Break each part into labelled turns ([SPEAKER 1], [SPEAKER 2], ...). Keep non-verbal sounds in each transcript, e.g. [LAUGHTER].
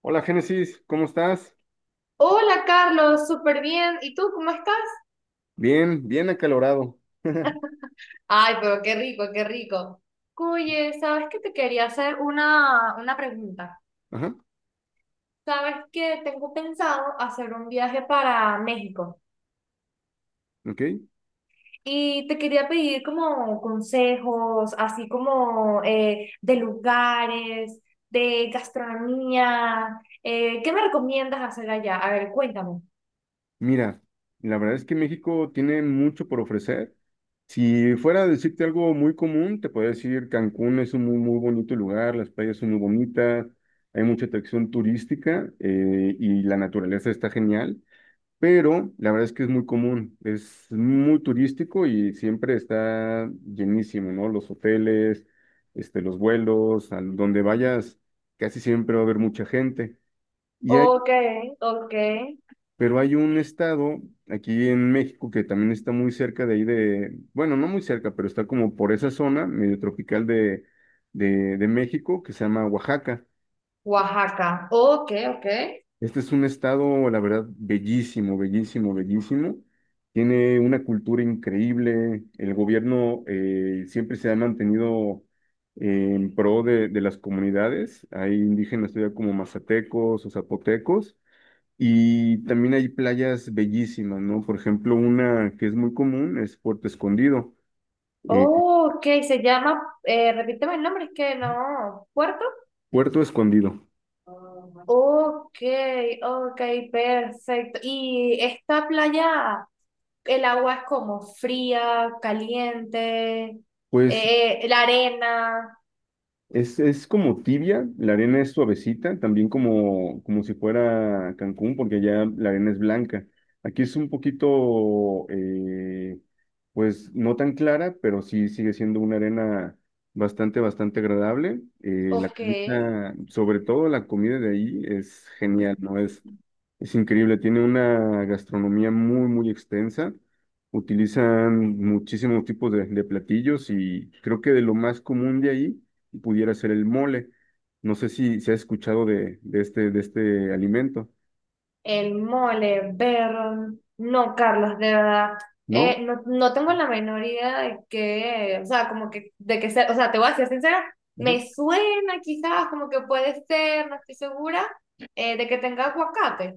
[SPEAKER 1] Hola Génesis, ¿cómo estás?
[SPEAKER 2] Hola Carlos, súper bien. ¿Y tú cómo estás?
[SPEAKER 1] Bien, bien acalorado. [LAUGHS]
[SPEAKER 2] Ay, pero qué rico, qué rico. Oye, ¿sabes que te quería hacer una pregunta?
[SPEAKER 1] Ajá,
[SPEAKER 2] ¿Sabes que tengo pensado hacer un viaje para México?
[SPEAKER 1] ok.
[SPEAKER 2] Y te quería pedir como consejos, así como de lugares, de gastronomía. ¿Qué me recomiendas hacer allá? A ver, cuéntame.
[SPEAKER 1] Mira, la verdad es que México tiene mucho por ofrecer. Si fuera a decirte algo muy común, te podría decir Cancún es un muy, muy bonito lugar, las playas son muy bonitas, hay mucha atracción turística y la naturaleza está genial. Pero la verdad es que es muy común, es muy turístico y siempre está llenísimo, ¿no? Los hoteles, este, los vuelos, a donde vayas, casi siempre va a haber mucha gente. Y hay,
[SPEAKER 2] Ok, ok.
[SPEAKER 1] pero hay un estado aquí en México que también está muy cerca de ahí de, bueno, no muy cerca, pero está como por esa zona medio tropical de México que se llama Oaxaca.
[SPEAKER 2] Oaxaca. Ok, ok.
[SPEAKER 1] Este es un estado, la verdad, bellísimo, bellísimo, bellísimo. Tiene una cultura increíble. El gobierno siempre se ha mantenido en pro de las comunidades. Hay indígenas todavía como mazatecos o zapotecos. Y también hay playas bellísimas, ¿no? Por ejemplo, una que es muy común es Puerto Escondido. eh,
[SPEAKER 2] Oh, ok, se llama, repíteme el nombre, es que no, ¿Puerto?
[SPEAKER 1] Puerto Escondido.
[SPEAKER 2] Ok, ok, perfecto. ¿Y esta playa, el agua es como fría, caliente,
[SPEAKER 1] Pues
[SPEAKER 2] la arena?
[SPEAKER 1] es como tibia, la arena es suavecita, también como, como si fuera Cancún, porque allá la arena es blanca. Aquí es un poquito, pues no tan clara, pero sí sigue siendo una arena bastante, bastante agradable. La
[SPEAKER 2] Ok.
[SPEAKER 1] comida, sobre todo la comida de ahí es genial, ¿no? Es increíble, tiene una gastronomía muy, muy extensa. Utilizan muchísimos tipos de platillos y creo que de lo más común de ahí pudiera ser el mole. No sé si se ha escuchado de, de este alimento,
[SPEAKER 2] El mole, Vernon, no, Carlos, de verdad,
[SPEAKER 1] ¿no?
[SPEAKER 2] no, no tengo la menor idea de qué, o sea, como que, de que sea, o sea, te voy a ser sincera,
[SPEAKER 1] Ajá.
[SPEAKER 2] me suena quizás como que puede ser, no estoy segura, de que tenga aguacate.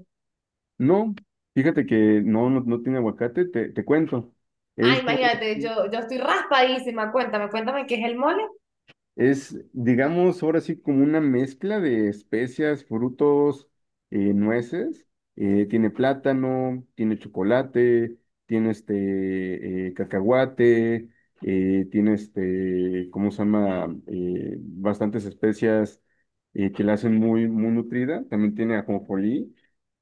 [SPEAKER 1] No, fíjate que no, no, no tiene aguacate, te cuento.
[SPEAKER 2] Ah,
[SPEAKER 1] Es
[SPEAKER 2] imagínate, yo estoy raspadísima, cuéntame, cuéntame qué es el mole.
[SPEAKER 1] Es, digamos, ahora sí como una mezcla de especias, frutos, nueces. Tiene plátano, tiene chocolate, tiene este cacahuate, tiene este, ¿cómo se llama? Bastantes especias que la hacen muy, muy nutrida. También tiene ajonjolí.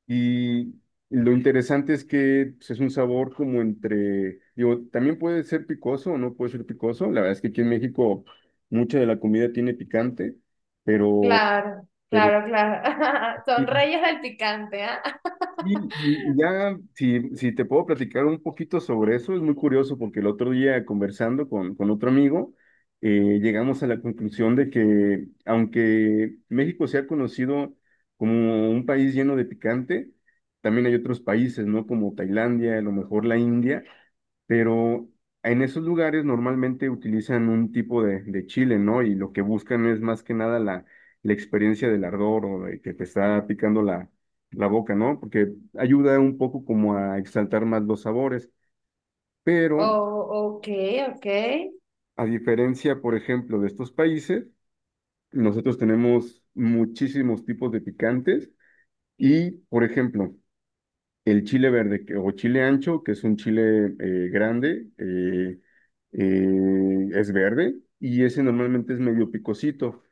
[SPEAKER 1] Y lo interesante es que pues, es un sabor como entre, digo, también puede ser picoso o no puede ser picoso. La verdad es que aquí en México mucha de la comida tiene picante, pero,
[SPEAKER 2] Claro,
[SPEAKER 1] pero
[SPEAKER 2] claro, claro, [LAUGHS] son
[SPEAKER 1] sí,
[SPEAKER 2] reyes del picante, ¿ah? [LAUGHS]
[SPEAKER 1] y, y ya, si te puedo platicar un poquito sobre eso, es muy curioso porque el otro día conversando con otro amigo, llegamos a la conclusión de que aunque México sea conocido como un país lleno de picante, también hay otros países, ¿no? Como Tailandia, a lo mejor la India, pero en esos lugares normalmente utilizan un tipo de chile, ¿no? Y lo que buscan es más que nada la, la experiencia del ardor o de que te está picando la, la boca, ¿no? Porque ayuda un poco como a exaltar más los sabores. Pero
[SPEAKER 2] Oh, ok, ok.
[SPEAKER 1] a diferencia, por ejemplo, de estos países, nosotros tenemos muchísimos tipos de picantes y, por ejemplo, el chile verde que- o chile ancho, que es un chile grande, es verde y ese normalmente es medio picosito.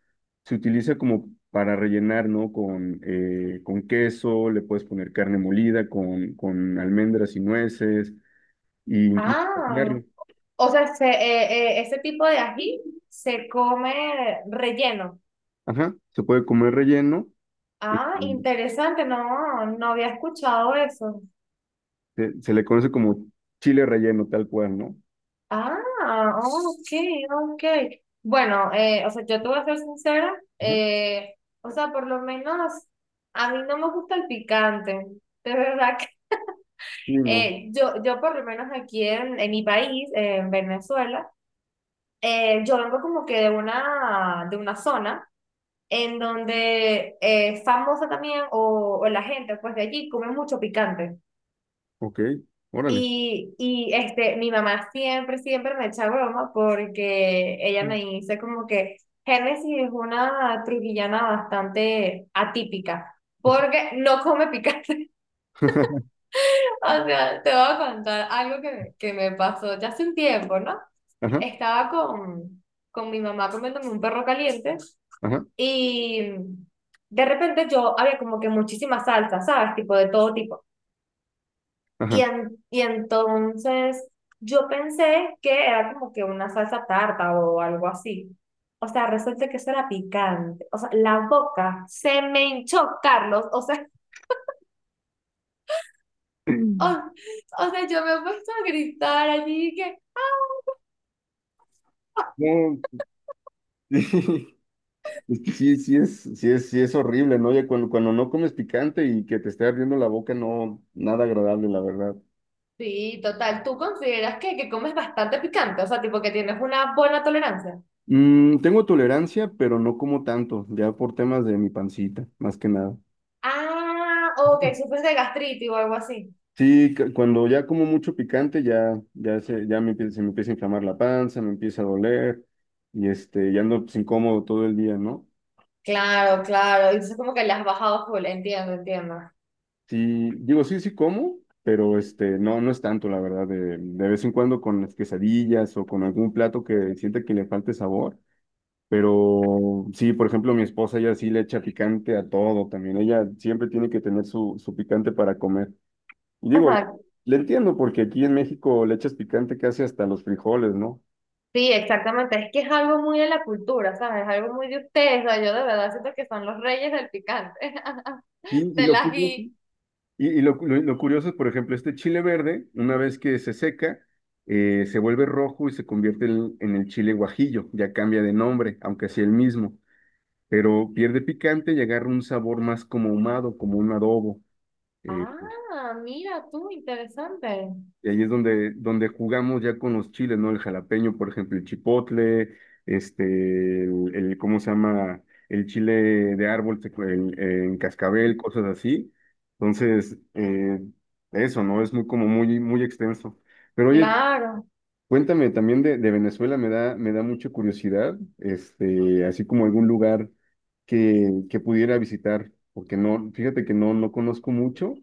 [SPEAKER 1] Se utiliza como para rellenar, ¿no? Con queso, le puedes poner carne molida, con almendras y nueces, e incluso
[SPEAKER 2] Ah,
[SPEAKER 1] caviar.
[SPEAKER 2] o sea, se- ese tipo de ají se come relleno.
[SPEAKER 1] Ajá, se puede comer relleno, eh,
[SPEAKER 2] Ah, interesante, no, no había escuchado eso.
[SPEAKER 1] se, se le conoce como chile relleno, tal cual, ¿no?
[SPEAKER 2] Ah, ok, ok. Bueno, o sea, yo te voy a ser sincera,
[SPEAKER 1] Ajá.
[SPEAKER 2] eh, o sea, por lo menos a mí no me gusta el picante, de verdad que
[SPEAKER 1] Y no,
[SPEAKER 2] yo, yo por lo menos aquí en, mi país, en Venezuela, yo vengo como que de una zona en donde es famosa también, o la gente pues de allí come mucho picante.
[SPEAKER 1] ok, órale.
[SPEAKER 2] Este, mi mamá siempre, siempre me echa broma porque ella me dice como que Génesis es una trujillana bastante atípica porque no come picante. [LAUGHS]
[SPEAKER 1] [LAUGHS]
[SPEAKER 2] O sea, te voy a contar algo que me pasó ya hace un tiempo, ¿no?
[SPEAKER 1] Ajá,
[SPEAKER 2] Estaba con mi mamá comiéndome un perro caliente
[SPEAKER 1] ajá, ajá,
[SPEAKER 2] y de repente yo había como que muchísimas salsas, ¿sabes? Tipo de todo tipo. Y,
[SPEAKER 1] [LAUGHS]
[SPEAKER 2] en- y entonces yo pensé que era como que una salsa tarta o algo así. O sea, resulta que eso era picante. O sea, la boca se me hinchó, Carlos. O sea,
[SPEAKER 1] ajá.
[SPEAKER 2] [LAUGHS] o,
[SPEAKER 1] [CLEARS THROAT]
[SPEAKER 2] o sea, yo me he puesto a gritar allí que,
[SPEAKER 1] No, sí, [LAUGHS] es que sí, sí es, sí es, sí es horrible, ¿no? Ya cuando, cuando no comes picante y que te esté ardiendo la boca, no, nada agradable, la verdad.
[SPEAKER 2] sí, total, ¿tú consideras que comes bastante picante? O sea, tipo que tienes una buena tolerancia.
[SPEAKER 1] Mm, tengo tolerancia, pero no como tanto, ya por temas de mi pancita, más que nada.
[SPEAKER 2] Ah, o que sufres de gastritis o algo así.
[SPEAKER 1] Sí, cu- cuando ya como mucho picante, ya, ya se, ya me empieza, se me empieza a inflamar la panza, me empieza a doler, y este, ya ando pues, incómodo todo el día, ¿no?
[SPEAKER 2] Claro, claro. Y entonces como que le has bajado full, entiendo, entiendo.
[SPEAKER 1] Sí, digo, sí, sí como, pero este, no, no es tanto, la verdad, de vez en cuando con las quesadillas o con algún plato que sienta que le falte sabor, pero sí, por ejemplo, mi esposa ella sí le echa picante a todo también, ella siempre tiene que tener su, su picante para comer. Y digo, le,
[SPEAKER 2] Ajá,
[SPEAKER 1] le entiendo porque aquí en México le echas picante casi hasta los frijoles, ¿no?
[SPEAKER 2] sí, exactamente. Es que es algo muy de la cultura, ¿sabes? Es algo muy de ustedes. O sea, yo de verdad siento que son los reyes del picante,
[SPEAKER 1] Sí,
[SPEAKER 2] [LAUGHS]
[SPEAKER 1] y
[SPEAKER 2] del
[SPEAKER 1] lo curioso
[SPEAKER 2] ají.
[SPEAKER 1] y lo, lo curioso es, por ejemplo, este chile verde, una vez que se seca, se vuelve rojo y se convierte en el chile guajillo, ya cambia de nombre, aunque sea el mismo, pero pierde picante y agarra un sabor más como ahumado, como un adobo. Eh,
[SPEAKER 2] Ah, mira tú, interesante.
[SPEAKER 1] y ahí es donde, donde jugamos ya con los chiles, ¿no? El jalapeño, por ejemplo, el chipotle, este, ¿cómo se llama? El chile de árbol en cascabel, cosas así. Entonces, eso, ¿no? Es muy como muy, muy extenso. Pero oye,
[SPEAKER 2] Claro,
[SPEAKER 1] cuéntame también de Venezuela, me da mucha curiosidad, este, así como algún lugar que pudiera visitar, porque no, fíjate que no, no conozco mucho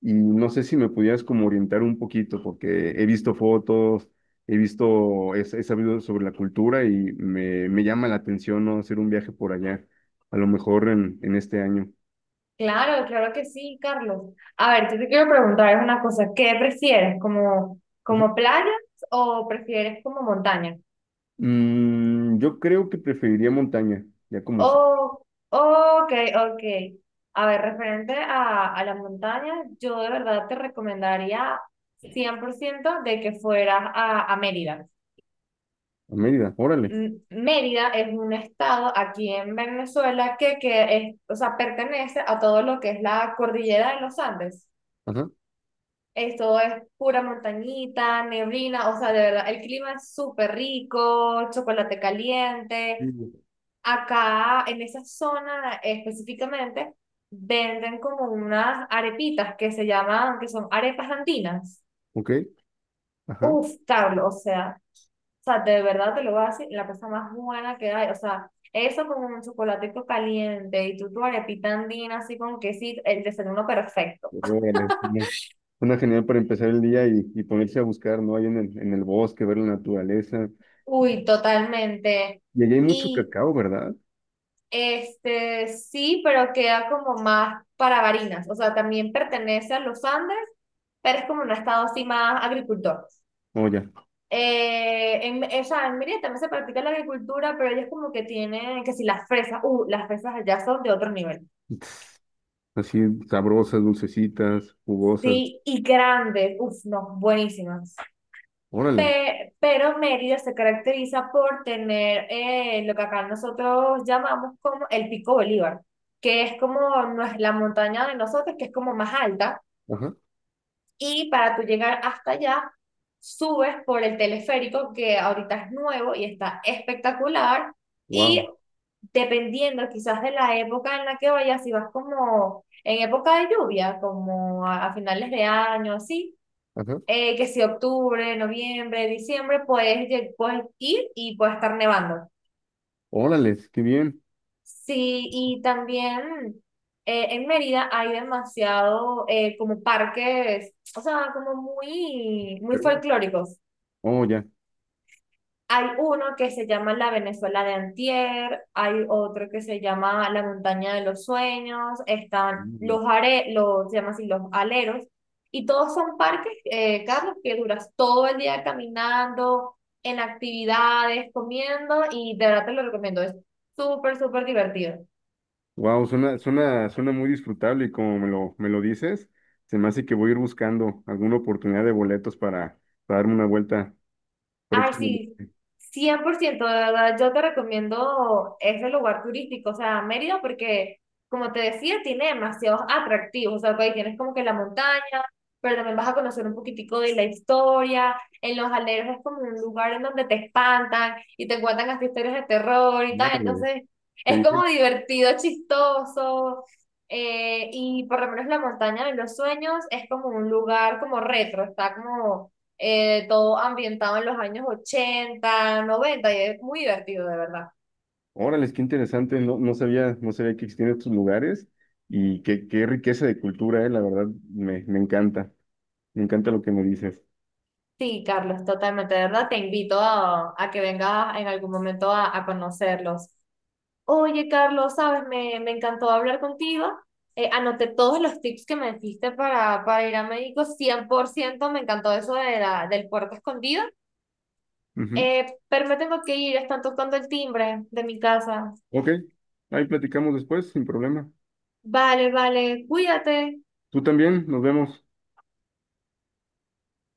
[SPEAKER 1] y no sé si me pudieras como orientar un poquito, porque he visto fotos, he visto, he, he sabido sobre la cultura y me llama la atención, ¿no? Hacer un viaje por allá, a lo mejor en este año.
[SPEAKER 2] claro, claro que sí, Carlos. A ver, yo te quiero preguntar una cosa. ¿Qué prefieres, como,
[SPEAKER 1] Ajá.
[SPEAKER 2] como playas o prefieres como montaña?
[SPEAKER 1] Mm, yo creo que preferiría montaña, ya como s-
[SPEAKER 2] Oh, ok, ok. A ver, referente a la montaña, yo de verdad te recomendaría 100% de que fueras a Mérida.
[SPEAKER 1] a Mérida, órale.
[SPEAKER 2] M- Mérida es un estado aquí en Venezuela que es, o sea, pertenece a todo lo que es la cordillera de los Andes.
[SPEAKER 1] Ajá.
[SPEAKER 2] Esto es pura montañita, neblina, o sea, de verdad, el clima es súper rico, chocolate caliente.
[SPEAKER 1] Mm,
[SPEAKER 2] Acá en esa zona específicamente venden como unas arepitas que se llaman, que son arepas andinas.
[SPEAKER 1] ok. Ajá.
[SPEAKER 2] Uf, Carlos, o sea, de verdad te lo voy a decir, la cosa más buena que hay, o sea, eso con un chocolatico caliente y tú tu arepita andina así con quesito, el desayuno perfecto.
[SPEAKER 1] Órale, es una genial para empezar el día y ponerse a buscar, ¿no? Ahí en el bosque, ver la naturaleza.
[SPEAKER 2] Uy, totalmente.
[SPEAKER 1] Y allá hay mucho
[SPEAKER 2] Y
[SPEAKER 1] cacao, ¿verdad?
[SPEAKER 2] este, sí, pero queda como más para Barinas, o sea, también pertenece a los Andes, pero es como un estado así más agricultor.
[SPEAKER 1] Oye,
[SPEAKER 2] O sea, en Mérida también se practica la agricultura, pero ellos como que tienen, que si las fresas, las fresas allá son de otro nivel.
[SPEAKER 1] así sabrosas, dulcecitas, jugosas.
[SPEAKER 2] Sí, y grandes, uff, no, buenísimas.
[SPEAKER 1] Órale.
[SPEAKER 2] Pe- pero Mérida se caracteriza por tener lo que acá nosotros llamamos como el Pico Bolívar, que es como nues- la montaña de nosotros, que es como más alta,
[SPEAKER 1] Ajá.
[SPEAKER 2] y para tú llegar hasta allá, subes por el teleférico, que ahorita es nuevo y está espectacular, y
[SPEAKER 1] Wow.
[SPEAKER 2] dependiendo quizás de la época en la que vayas, si vas como en época de lluvia, como a finales de año, así,
[SPEAKER 1] Ajá.
[SPEAKER 2] que si octubre, noviembre, diciembre, puedes, lle- puedes ir y puede estar nevando.
[SPEAKER 1] Órale, qué bien.
[SPEAKER 2] Sí, y también en Mérida hay demasiado como parques, o sea, como muy, muy
[SPEAKER 1] ¿Verdad?
[SPEAKER 2] folclóricos.
[SPEAKER 1] Oh, ya.
[SPEAKER 2] Hay uno que se llama La Venezuela de Antier, hay otro que se llama La Montaña de los Sueños, están los, are, los, se llama así, los aleros, y todos son parques, Carlos, que duras todo el día caminando, en actividades, comiendo, y de verdad te lo recomiendo, es súper, súper divertido.
[SPEAKER 1] Wow, suena, suena, suena muy disfrutable y como me lo dices, se me hace que voy a ir buscando alguna oportunidad de boletos para darme una vuelta
[SPEAKER 2] Ay,
[SPEAKER 1] próximamente.
[SPEAKER 2] sí, 100%, de verdad, yo te recomiendo ese lugar turístico, o sea, Mérida, porque, como te decía, tiene demasiados atractivos, o sea, pues, ahí tienes como que la montaña, pero también vas a conocer un poquitico de la historia, en Los Aleros es como un lugar en donde te espantan y te cuentan hasta historias de terror y tal,
[SPEAKER 1] Órale,
[SPEAKER 2] entonces
[SPEAKER 1] qué
[SPEAKER 2] es
[SPEAKER 1] bien.
[SPEAKER 2] como divertido, chistoso, y por lo menos la montaña de los sueños es como un lugar como retro, está como todo ambientado en los años 80, 90, y es muy divertido, de verdad.
[SPEAKER 1] Órale, qué interesante, no, no sabía, no sabía que existían estos lugares y qué, qué riqueza de cultura, la verdad, me, me encanta lo que me dices.
[SPEAKER 2] Sí, Carlos, totalmente, de verdad, te invito a que vengas en algún momento a conocerlos. Oye, Carlos, sabes, me encantó hablar contigo. Anoté todos los tips que me diste para ir a México, 100%, me encantó eso de la, del puerto escondido.
[SPEAKER 1] Ujú.
[SPEAKER 2] Pero me tengo que ir, están tocando el timbre de mi casa.
[SPEAKER 1] Ok, ahí platicamos después, sin problema.
[SPEAKER 2] Vale, vale, cuídate.
[SPEAKER 1] Tú también, nos vemos.